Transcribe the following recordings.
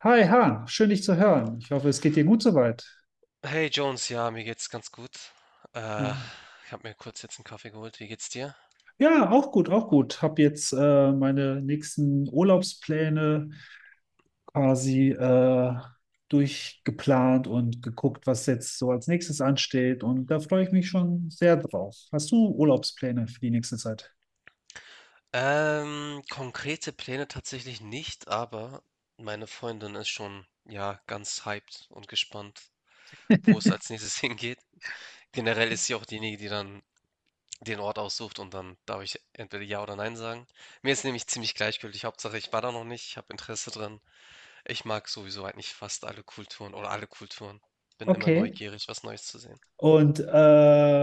Hi Han, schön dich zu hören. Ich hoffe, es geht dir gut soweit. Hey Jones, ja, mir geht's ganz gut. Äh, Ja. ich habe mir kurz jetzt einen Kaffee geholt. Wie geht's dir? Ja, auch gut, auch gut. Hab jetzt meine nächsten Urlaubspläne quasi durchgeplant und geguckt, was jetzt so als nächstes ansteht. Und da freue ich mich schon sehr drauf. Hast du Urlaubspläne für die nächste Zeit? Konkrete Pläne tatsächlich nicht, aber meine Freundin ist schon, ja, ganz hyped und gespannt, wo es als nächstes hingeht. Generell ist sie auch diejenige, die dann den Ort aussucht und dann darf ich entweder Ja oder Nein sagen. Mir ist nämlich ziemlich gleichgültig. Hauptsache, ich war da noch nicht, ich habe Interesse dran. Ich mag sowieso eigentlich fast alle Kulturen oder alle Kulturen. Bin immer Okay. neugierig, was Neues zu sehen. Und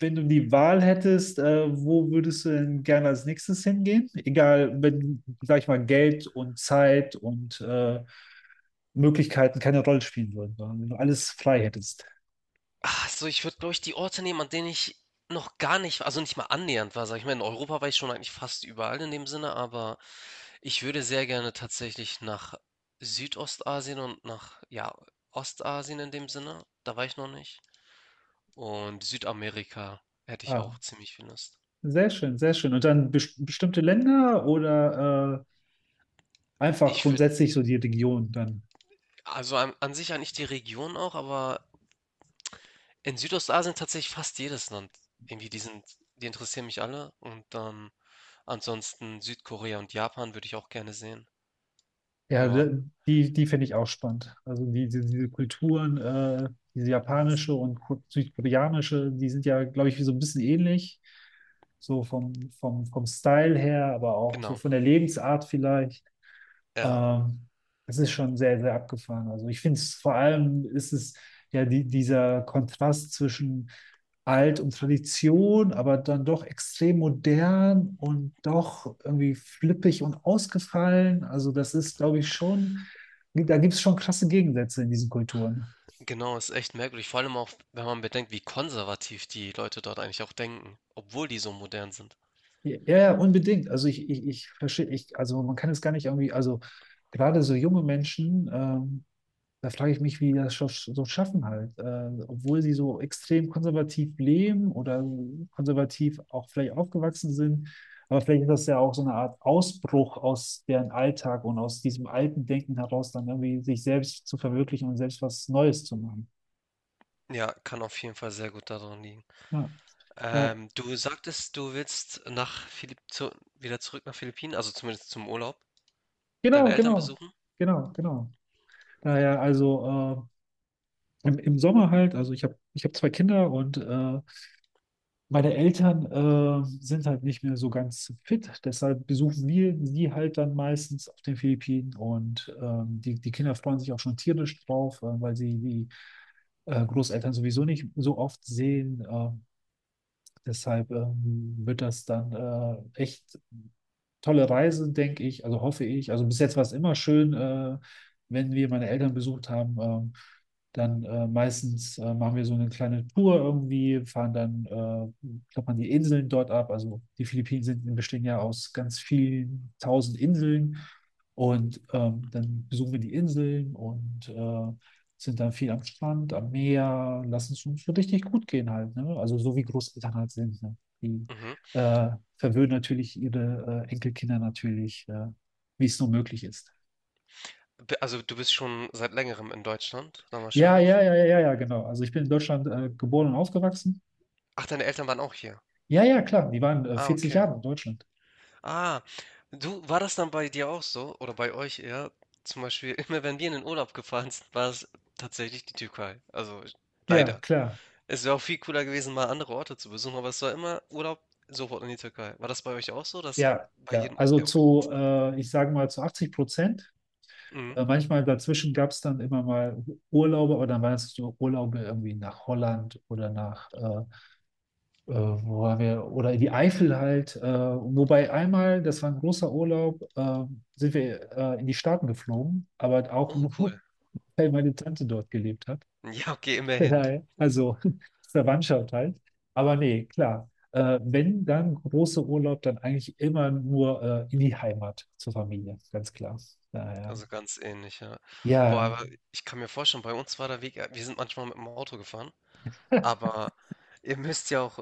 wenn du die Wahl hättest, wo würdest du denn gerne als nächstes hingehen? Egal, wenn, sag ich mal, Geld und Zeit und Möglichkeiten keine Rolle spielen würden, sondern wenn du alles frei hättest. Ach so, ich würde, glaube ich, die Orte nehmen, an denen ich noch gar nicht, also nicht mal annähernd war, sag ich mal. In Europa war ich schon eigentlich fast überall in dem Sinne, aber ich würde sehr gerne tatsächlich nach Südostasien und nach, ja, Ostasien in dem Sinne. Da war ich noch nicht. Und Südamerika hätte ich Ah, auch ziemlich viel Lust. sehr schön, sehr schön. Und dann bestimmte Länder oder einfach Ich würde, grundsätzlich so die Region dann? also an sich eigentlich die Region auch, aber in Südostasien tatsächlich fast jedes Land. Irgendwie, die sind, die interessieren mich alle. Und dann ansonsten Südkorea und Japan würde ich auch gerne sehen. Ja, Ja, die finde ich auch spannend. Also diese Kulturen, diese s- japanische und südkoreanische, die sind ja, glaube ich, so ein bisschen ähnlich. So vom Style her, aber auch so genau. von der Lebensart vielleicht. Ja, Ähm, das ist schon sehr, sehr abgefahren. Also ich finde es vor allem ist es ja dieser Kontrast zwischen alt und Tradition, aber dann doch extrem modern und doch irgendwie flippig und ausgefallen. Also das ist, glaube ich, schon, da gibt es schon krasse Gegensätze in diesen Kulturen. genau, ist echt merkwürdig. Vor allem auch, wenn man bedenkt, wie konservativ die Leute dort eigentlich auch denken, obwohl die so modern sind. Ja, ja, unbedingt. Also ich verstehe, ich, also man kann es gar nicht irgendwie, also gerade so junge Menschen, da frage ich mich, wie die das so schaffen halt. Obwohl sie so extrem konservativ leben oder konservativ auch vielleicht aufgewachsen sind. Aber vielleicht ist das ja auch so eine Art Ausbruch aus deren Alltag und aus diesem alten Denken heraus, dann irgendwie sich selbst zu verwirklichen und selbst was Neues zu machen. Ja, kann auf jeden Fall sehr gut daran liegen. Ja. Äh, Du sagtest, du willst nach Philipp zu wieder zurück nach Philippinen, also zumindest zum Urlaub, deine genau, Eltern genau, besuchen. genau, genau. Daher also im Sommer halt, also ich hab zwei Kinder und meine Eltern sind halt nicht mehr so ganz fit, deshalb besuchen wir sie halt dann meistens auf den Philippinen und die Kinder freuen sich auch schon tierisch drauf, weil sie die Großeltern sowieso nicht so oft sehen. Deshalb wird das dann echt tolle Reise, denke ich, also hoffe ich. Also bis jetzt war es immer schön, wenn wir meine Eltern besucht haben. Dann meistens machen wir so eine kleine Tour irgendwie, fahren dann, klappern die Inseln dort ab. Also die Philippinen sind, bestehen ja aus ganz vielen tausend Inseln. Und dann besuchen wir die Inseln und sind dann viel am Strand, am Meer, lassen es uns so richtig gut gehen halt. Ne? Also so wie Großeltern halt sind. Ne? Die Mhm. äh, verwöhnen natürlich ihre Enkelkinder natürlich, wie es nur möglich ist. Also du bist schon seit längerem in Deutschland, dann Ja, ja, wahrscheinlich. ja, ja, ja, genau. Also ich bin in Deutschland geboren und aufgewachsen. Ach, deine Eltern waren auch hier. Ja, ja, klar. Die waren Ah, 40 okay. Jahre in Deutschland. Ah, du, war das dann bei dir auch so? Oder bei euch eher? Zum Beispiel, immer wenn wir in den Urlaub gefahren sind, war es tatsächlich die Türkei. Also Ja, leider. klar. Es wäre auch viel cooler gewesen, mal andere Orte zu besuchen, aber es war immer Urlaub sofort in die Türkei. War das bei euch auch so, dass Ja, ja. Also Ja, okay. zu, ich sage mal, zu 80%. Mhm. Manchmal dazwischen gab es dann immer mal Urlaube, aber dann waren es so Urlaube irgendwie nach Holland oder nach wo waren wir, oder in die Eifel halt. Wobei einmal, das war ein großer Urlaub, sind wir in die Staaten geflogen, aber auch Oh, nur, cool. weil meine Tante dort gelebt hat. Ja, okay, immerhin. Daher, also Verwandtschaft halt. Aber nee, klar. Wenn dann großer Urlaub, dann eigentlich immer nur in die Heimat zur Familie, ganz klar. Daher. Also ganz ähnlich, ja. Boah, Ja, aber ich kann mir vorstellen, bei uns war der Weg, wir sind manchmal mit dem Auto gefahren, ja. aber ihr müsst ja auch,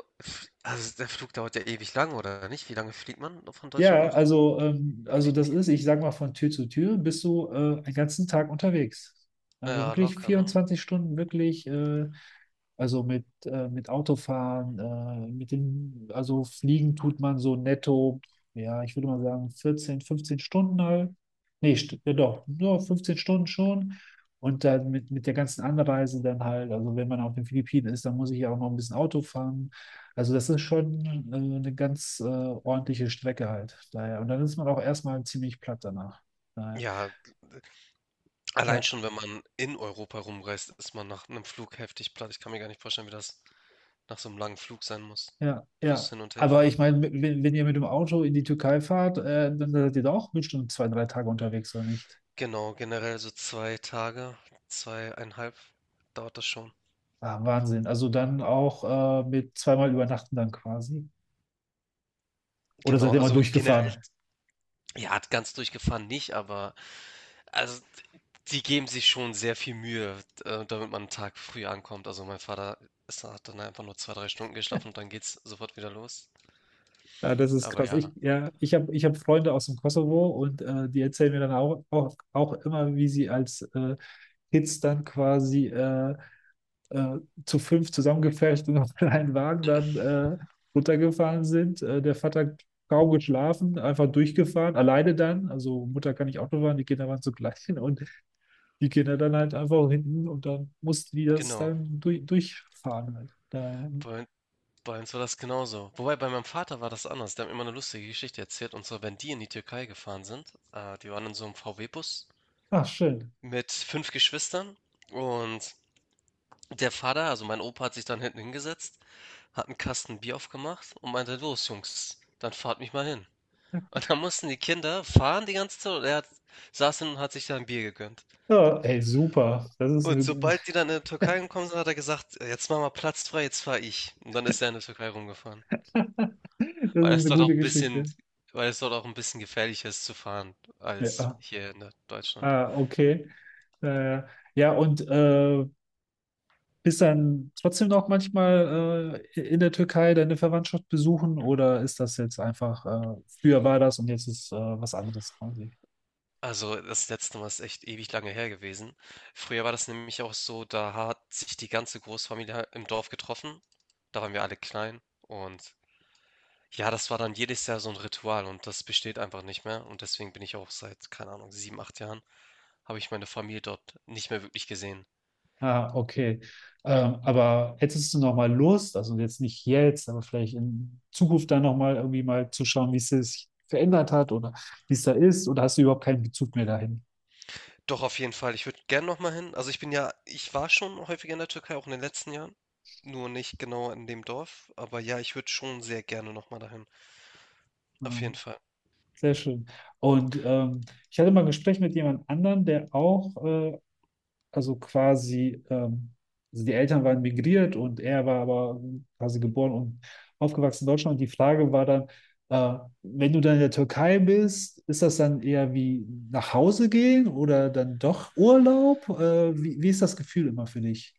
also der Flug dauert ja ewig lang, oder nicht? Wie lange fliegt man von Deutschland Ja, nach in die also das Philippinen? ist, ich sag mal, von Tür zu Tür bist du einen ganzen Tag unterwegs. Also Ja, wirklich locker, ne? 24 Stunden, wirklich, also mit Autofahren, also Fliegen tut man so netto, ja, ich würde mal sagen, 14, 15 Stunden halt. Nee, st ja doch, nur 15 Stunden schon. Und dann mit der ganzen Anreise dann halt, also wenn man auf den Philippinen ist, dann muss ich ja auch noch ein bisschen Auto fahren. Also das ist schon eine ganz ordentliche Strecke halt. Daher. Und dann ist man auch erstmal ziemlich platt danach. Daher. Ja, allein Da, schon, wenn man in Europa rumreist, ist man nach einem Flug heftig platt. Ich kann mir gar nicht vorstellen, wie das nach so einem langen Flug sein muss. ja, Plus ja. hin und her Aber fahren. ich meine, wenn ihr mit dem Auto in die Türkei fahrt, dann seid ihr da auch bestimmt 2, 3 Tage unterwegs, oder nicht? Genau, generell so zwei Tage, zweieinhalb dauert das schon. Ah, Wahnsinn. Also dann auch mit zweimal übernachten dann quasi. Oder seid Genau, ihr mal also generell. durchgefahren? Ja, ganz durchgefahren nicht, aber also die geben sich schon sehr viel Mühe, damit man einen Tag früh ankommt. Also mein Vater hat dann einfach nur 2, 3 Stunden geschlafen und dann geht's sofort wieder los. Ja, das ist Aber krass. Ich, ja, ja, ich habe ich hab Freunde aus dem Kosovo und die erzählen mir dann auch immer, wie sie als Kids dann quasi äh, zu fünf zusammengepfercht und auf einen Wagen dann runtergefahren sind. Der Vater kaum geschlafen, einfach durchgefahren, alleine dann. Also Mutter kann nicht Auto fahren, die Kinder waren zugleich und die Kinder dann halt einfach hinten und dann mussten die das genau. dann durchfahren halt. Da, Bei, bei uns war das genauso. Wobei bei meinem Vater war das anders. Der hat mir immer eine lustige Geschichte erzählt. Und zwar, wenn die in die Türkei gefahren sind, die waren in so einem VW-Bus ach, schön. mit 5 Geschwistern. Und Der Vater, also mein Opa, hat sich dann hinten hingesetzt, hat einen Kasten Bier aufgemacht und meinte: „Los Jungs, dann fahrt mich mal hin.“ Und dann mussten die Kinder fahren die ganze Zeit und er hat saß hin und hat sich da ein Bier gegönnt. Ja, ey, super. Und sobald die dann in die Das Türkei gekommen sind, hat er gesagt: „Jetzt mach mal Platz frei, jetzt fahre ich.“ Und dann ist er in der Türkei rumgefahren, ist weil es eine dort auch gute ein bisschen Geschichte. weil es dort auch ein bisschen gefährlicher ist zu fahren als Ja. hier in Deutschland. Ah, okay. Äh, ja, und bist dann trotzdem noch manchmal in der Türkei deine Verwandtschaft besuchen oder ist das jetzt einfach, früher war das und jetzt ist was anderes quasi? Also, das letzte Mal ist echt ewig lange her gewesen. Früher war das nämlich auch so, da hat sich die ganze Großfamilie halt im Dorf getroffen. Da waren wir alle klein und ja, das war dann jedes Jahr so ein Ritual und das besteht einfach nicht mehr und deswegen bin ich auch seit, keine Ahnung, 7, 8 Jahren habe ich meine Familie dort nicht mehr wirklich gesehen. Ah, okay. Aber hättest du noch mal Lust, also jetzt nicht jetzt, aber vielleicht in Zukunft dann noch mal irgendwie mal zu schauen, wie es sich verändert hat oder wie es da ist oder hast du überhaupt keinen Bezug mehr dahin? Doch auf jeden Fall, ich würde gerne noch mal hin. Also ich bin ja, ich war schon häufiger in der Türkei, auch in den letzten Jahren, nur nicht genau in dem Dorf, aber ja, ich würde schon sehr gerne noch mal dahin. Auf jeden Ähm, Fall. sehr schön. Und ich hatte mal ein Gespräch mit jemand anderem, der auch also quasi, also die Eltern waren migriert und er war aber quasi geboren und aufgewachsen in Deutschland. Und die Frage war dann, wenn du dann in der Türkei bist, ist das dann eher wie nach Hause gehen oder dann doch Urlaub? Wie ist das Gefühl immer für dich?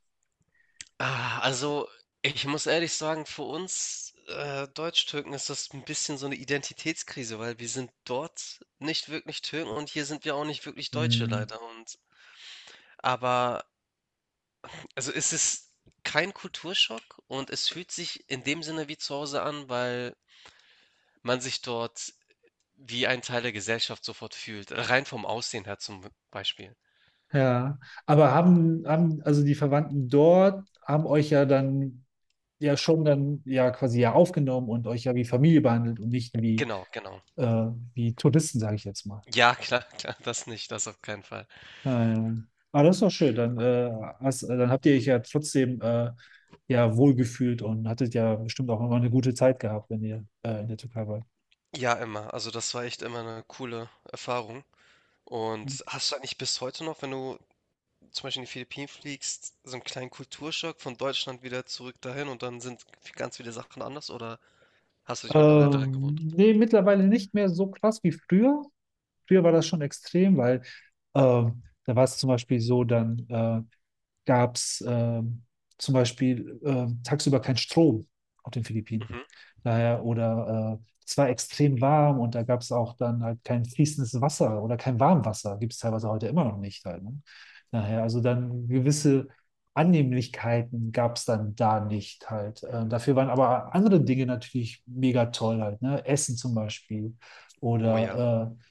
Ah, also, ich muss ehrlich sagen, für uns, Türken ist das ein bisschen so eine Identitätskrise, weil wir sind dort nicht wirklich Türken und hier sind wir auch nicht wirklich Deutsche Hm, leider und aber also, es ist kein Kulturschock und es fühlt sich in dem Sinne wie zu Hause an, weil man sich dort wie ein Teil der Gesellschaft sofort fühlt, rein vom Aussehen her zum Beispiel. ja, aber haben also die Verwandten dort, haben euch ja dann ja schon dann ja quasi ja aufgenommen und euch ja wie Familie behandelt und nicht Genau, genau. äh, wie Touristen, sage ich jetzt mal. Ja, klar, klar, das nicht, das auf keinen Fall. Nein. Ah, das ist doch schön. Dann, dann habt ihr euch ja trotzdem ja wohlgefühlt und hattet ja bestimmt auch immer eine gute Zeit gehabt, wenn ihr in der Türkei wart. Ja, immer. Also, das war echt immer eine coole Erfahrung. Und hast du eigentlich bis heute noch, wenn du zum Beispiel in die Philippinen fliegst, so einen kleinen Kulturschock von Deutschland wieder zurück dahin und dann sind ganz viele Sachen anders oder hast du dich mittlerweile daran Ähm, gewohnt? nee, mittlerweile nicht mehr so krass wie früher. Früher war das schon extrem, weil da war es zum Beispiel so, dann gab es zum Beispiel tagsüber keinen Strom auf den Philippinen. Mhm. Daher, oder es war extrem warm und da gab es auch dann halt kein fließendes Wasser oder kein Warmwasser. Gibt es teilweise heute immer noch nicht halt, ne? Daher, also dann gewisse Annehmlichkeiten gab es dann da nicht halt. Dafür waren aber andere Dinge natürlich mega toll halt, ne? Essen zum Beispiel Oh ja. oder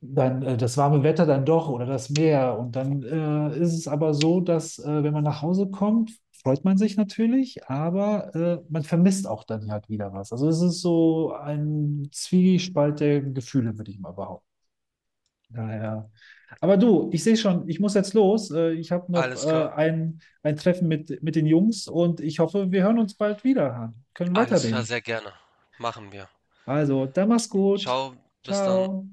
dann das warme Wetter dann doch oder das Meer. Und dann ist es aber so, dass wenn man nach Hause kommt, freut man sich natürlich, aber man vermisst auch dann halt wieder was. Also es ist so ein Zwiespalt der Gefühle, würde ich mal behaupten. Daher. Aber du, ich sehe schon, ich muss jetzt los. Ich habe noch Alles klar. ein Treffen mit den Jungs und ich hoffe, wir hören uns bald wieder. Können Alles klar, weiterreden. sehr gerne. Machen wir. Also, dann mach's gut. Ciao, bis dann. Ciao.